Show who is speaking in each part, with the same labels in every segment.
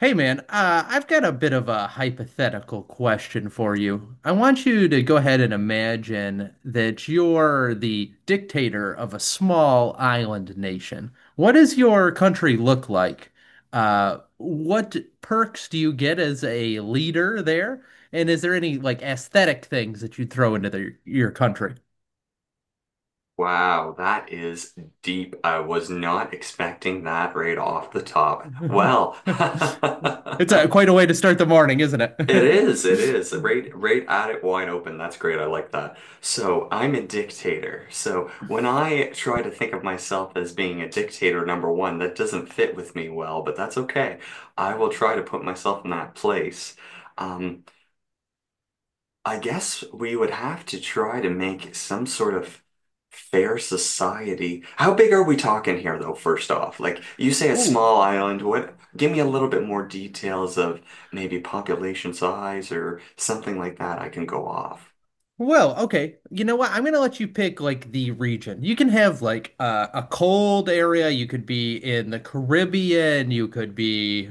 Speaker 1: Hey man, I've got a bit of a hypothetical question for you. I want you to go ahead and imagine that you're the dictator of a small island nation. What does your country look like? What perks do you get as a leader there? And is there any like aesthetic things that you'd throw into your country?
Speaker 2: Wow, that is deep. I was not expecting that right off the top. Well,
Speaker 1: It's a, quite a way to start the morning, isn't
Speaker 2: it
Speaker 1: it?
Speaker 2: is, it is. Right, right at it wide open. That's great. I like that. So I'm a dictator. So when I try to think of myself as being a dictator, number one, that doesn't fit with me well, but that's okay. I will try to put myself in that place. Um, I guess we would have to try to make some sort of fair society. How big are we talking here, though, first off? Like, you say a
Speaker 1: Ooh,
Speaker 2: small island. What? Give me a little bit more details of maybe population size or something like that I can go off.
Speaker 1: well, okay. You know what? I'm gonna let you pick like the region. You can have like a cold area. You could be in the Caribbean. You could be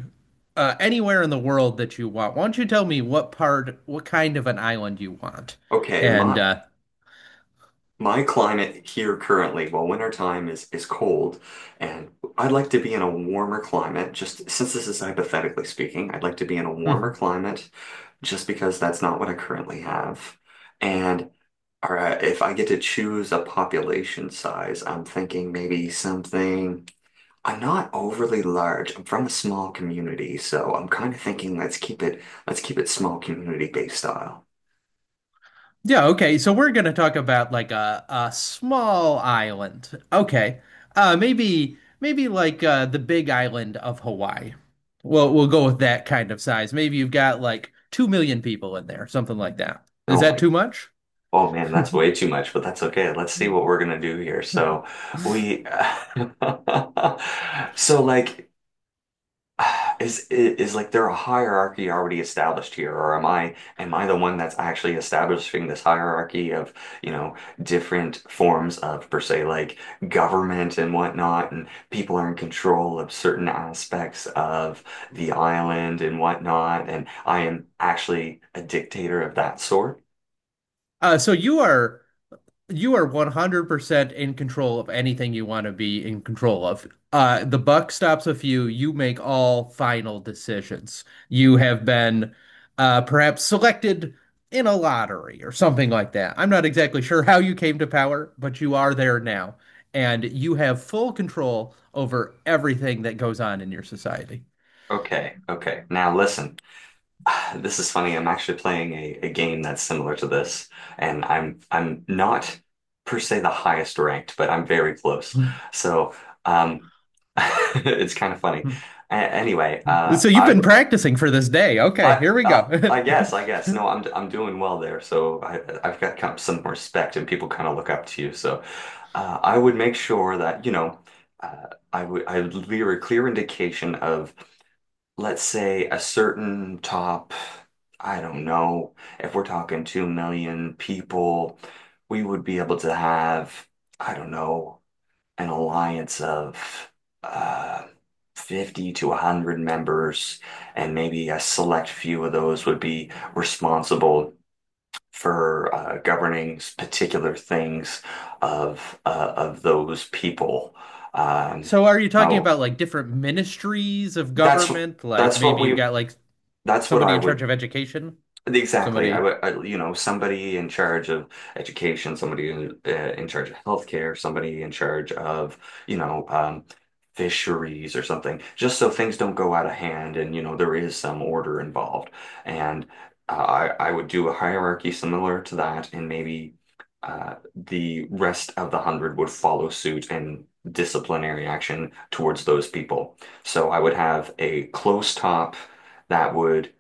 Speaker 1: anywhere in the world that you want. Why don't you tell me what part, what kind of an island you want?
Speaker 2: Okay,
Speaker 1: And
Speaker 2: my my climate here currently, well, winter time is cold, and I'd like to be in a warmer climate, just since this is hypothetically speaking, I'd like to be in a warmer climate, just because that's not what I currently have. And all right, if I get to choose a population size, I'm thinking maybe something. I'm not overly large. I'm from a small community, so I'm kind of thinking let's keep it small community-based style.
Speaker 1: Yeah, okay. So we're going to talk about like a small island. Okay. Maybe like the big island of Hawaii. Well, we'll go with that kind of size. Maybe you've got like 2 million people in there, something like that. Is
Speaker 2: Oh
Speaker 1: that
Speaker 2: my.
Speaker 1: too much?
Speaker 2: Oh man, that's way too much, but that's okay. Let's see what we're gonna do here. So we, so like, is like there a hierarchy already established here, or am I the one that's actually establishing this hierarchy of, you know, different forms of per se like government and whatnot, and people are in control of certain aspects of the island and whatnot, and I am actually a dictator of that sort?
Speaker 1: So you are 100% in control of anything you want to be in control of. The buck stops with you. You make all final decisions. You have been perhaps selected in a lottery or something like that. I'm not exactly sure how you came to power, but you are there now. And you have full control over everything that goes on in your society.
Speaker 2: Okay, okay. Now listen. This is funny. I'm actually playing a game that's similar to this, and I'm not per se the highest ranked, but I'm very close. So um, it's kind of funny. A anyway, uh,
Speaker 1: So you've
Speaker 2: I
Speaker 1: been practicing for this day. Okay, here we go.
Speaker 2: I guess no, I'm doing well there. So I've got kind of some respect, and people kind of look up to you. So I would make sure that you know I would leave a clear indication of, let's say, a certain top, I don't know, if we're talking 2 million people, we would be able to have, I don't know, an alliance of uh, 50 to 100 members, and maybe a select few of those would be responsible for governing particular things of those people. Um,
Speaker 1: So are you talking
Speaker 2: no,
Speaker 1: about like different ministries of
Speaker 2: that's
Speaker 1: government? Like
Speaker 2: that's what
Speaker 1: maybe you've
Speaker 2: we
Speaker 1: got like
Speaker 2: that's what
Speaker 1: somebody
Speaker 2: I
Speaker 1: in charge
Speaker 2: would.
Speaker 1: of education,
Speaker 2: Exactly. I
Speaker 1: somebody.
Speaker 2: would, I, you know, somebody in charge of education, somebody in charge of healthcare, somebody in charge of, you know, fisheries or something, just so things don't go out of hand and, you know, there is some order involved. And I would do a hierarchy similar to that, and maybe the rest of the hundred would follow suit and disciplinary action towards those people. So I would have a close top that would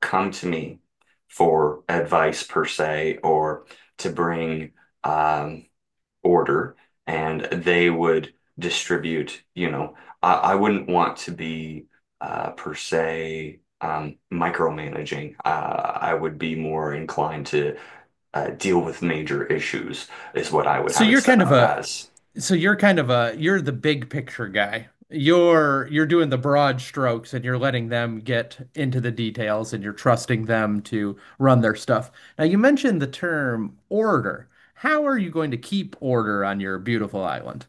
Speaker 2: come to me for advice per se or to bring um, order, and they would distribute, you know, I wouldn't want to be per se micromanaging. I would be more inclined to deal with major issues is what I would
Speaker 1: So
Speaker 2: have it
Speaker 1: you're
Speaker 2: set
Speaker 1: kind of
Speaker 2: up
Speaker 1: a
Speaker 2: as.
Speaker 1: so you're kind of a you're the big picture guy. You're doing the broad strokes and you're letting them get into the details and you're trusting them to run their stuff. Now you mentioned the term order. How are you going to keep order on your beautiful island?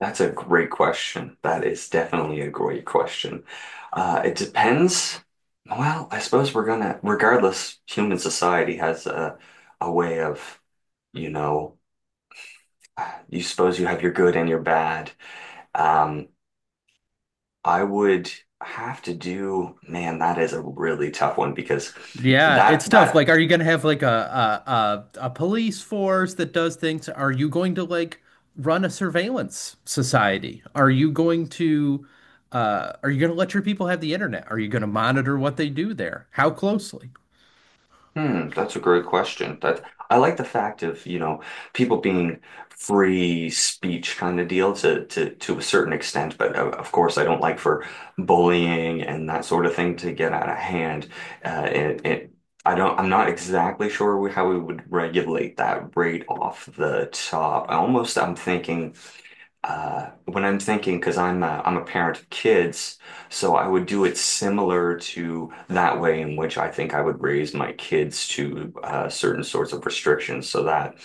Speaker 2: That's a great question. That is definitely a great question. It depends. Well, I suppose we're gonna, regardless, human society has a way of, you know, you suppose you have your good and your bad. Um, I would have to do, man, that is a really tough one because
Speaker 1: Yeah,
Speaker 2: that
Speaker 1: it's tough.
Speaker 2: that
Speaker 1: Like, are you gonna have like a police force that does things? Are you going to like run a surveillance society? Are you going to are you gonna let your people have the internet? Are you gonna monitor what they do there? How closely?
Speaker 2: Hmm, that's a great question. That, I like the fact of, you know, people being free speech kind of deal to to a certain extent, but of course I don't like for bullying and that sort of thing to get out of hand. It I don't, I'm not exactly sure how we would regulate that right off the top. I almost, I'm thinking, when I'm thinking, because I'm a parent of kids, so I would do it similar to that way in which I think I would raise my kids to certain sorts of restrictions, so that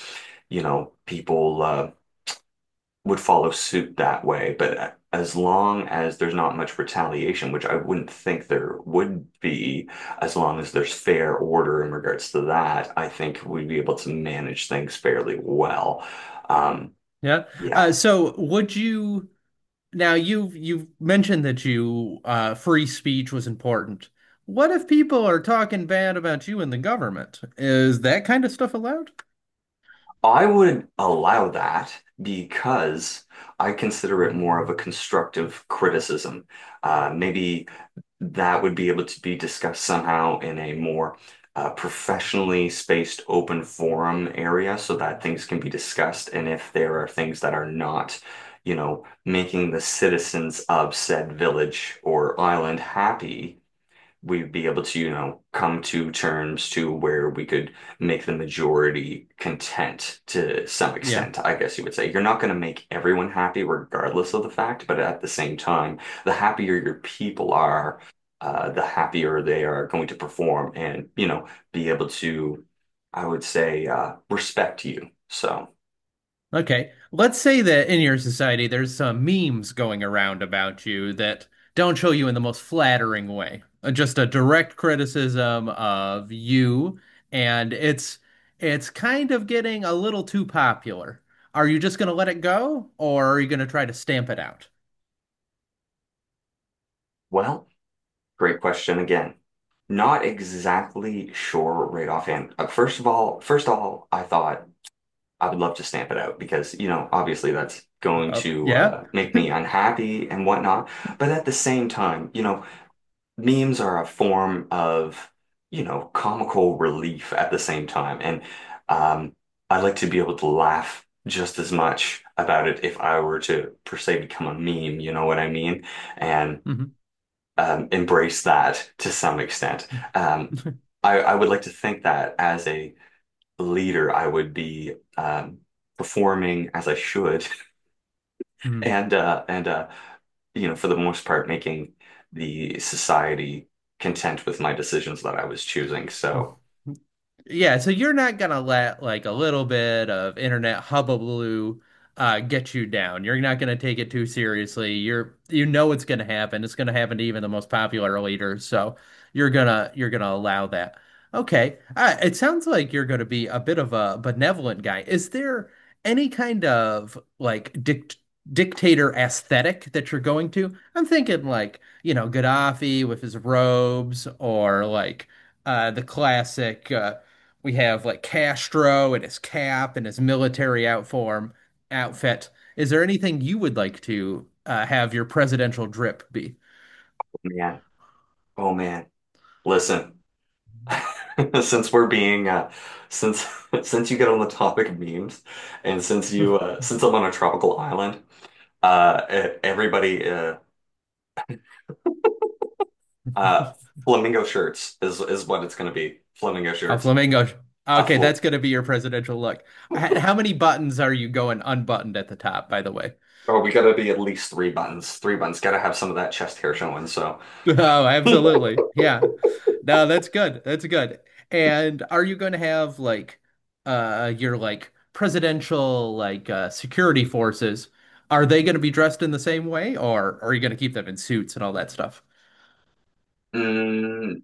Speaker 2: you know people would follow suit that way. But as long as there's not much retaliation, which I wouldn't think there would be, as long as there's fair order in regards to that, I think we'd be able to manage things fairly well. Um,
Speaker 1: Yeah.
Speaker 2: yeah.
Speaker 1: So would you now you've mentioned that you free speech was important. What if people are talking bad about you and the government? Is that kind of stuff allowed?
Speaker 2: I would allow that because I consider it more of a constructive criticism. Maybe that would be able to be discussed somehow in a more professionally spaced open forum area so that things can be discussed. And if there are things that are not, you know, making the citizens of said village or island happy, we'd be able to, you know, come to terms to where we could make the majority content to some
Speaker 1: Yeah.
Speaker 2: extent, I guess you would say. You're not going to make everyone happy regardless of the fact, but at the same time, the happier your people are, the happier they are going to perform and, you know, be able to, I would say, respect you. So,
Speaker 1: Okay. Let's say that in your society there's some memes going around about you that don't show you in the most flattering way. Just a direct criticism of you, and it's kind of getting a little too popular. Are you just going to let it go, or are you going to try to stamp it out?
Speaker 2: well, great question again. Not exactly sure right offhand. First of all, I thought I would love to stamp it out because, you know, obviously that's going to
Speaker 1: Yeah.
Speaker 2: make me unhappy and whatnot. But at the same time, you know, memes are a form of, you know, comical relief at the same time. And um, I like to be able to laugh just as much about it if I were to, per se, become a meme, you know what I mean? And
Speaker 1: Mm-hmm.
Speaker 2: embrace that to some extent. Um, I would like to think that as a leader, I would be performing as I should,
Speaker 1: Hmm.
Speaker 2: and you know, for the most part, making the society content with my decisions that I was choosing. So,
Speaker 1: Yeah, so you're not gonna let like a little bit of internet hullabaloo get you down. You're not gonna take it too seriously. You're you know it's gonna happen. It's gonna happen to even the most popular leaders. So you're gonna allow that. Okay. It sounds like you're gonna be a bit of a benevolent guy. Is there any kind of like dictator aesthetic that you're going to? I'm thinking like, you know, Gaddafi with his robes or like the classic we have like Castro and his cap and his military outform outfit. Is there anything you would like to have your presidential drip be?
Speaker 2: man, oh man, listen. Since we're being since since you get on the topic of memes, and since
Speaker 1: A
Speaker 2: you since I'm on a tropical island, e- everybody Uh, flamingo shirts is what it's gonna be. Flamingo shirts.
Speaker 1: flamingo. Okay,
Speaker 2: Fl
Speaker 1: that's going to be your presidential look. How many buttons are you going unbuttoned at the top, by the way?
Speaker 2: oh, we gotta be at least 3 buttons. 3 buttons. Gotta have some of that chest hair showing. So,
Speaker 1: Oh,
Speaker 2: mm,
Speaker 1: absolutely. Yeah. No, that's good. That's good. And are you going to have like your like presidential like security forces? Are they going to be dressed in the same way or are you going to keep them in suits and all that stuff?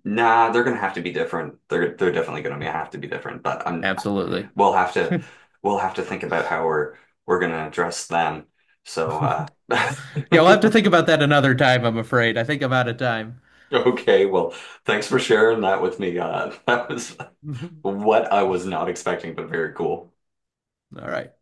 Speaker 2: nah, they're gonna have to be different. They're definitely gonna be, have to be different. But
Speaker 1: Absolutely.
Speaker 2: we'll have to we'll have to think about how we're gonna address them. So,
Speaker 1: Yeah, we'll have to think about that another time, I'm afraid. I think I'm out of time.
Speaker 2: okay. Well, thanks for sharing that with me. That was
Speaker 1: All
Speaker 2: what I was not expecting, but very cool.
Speaker 1: right.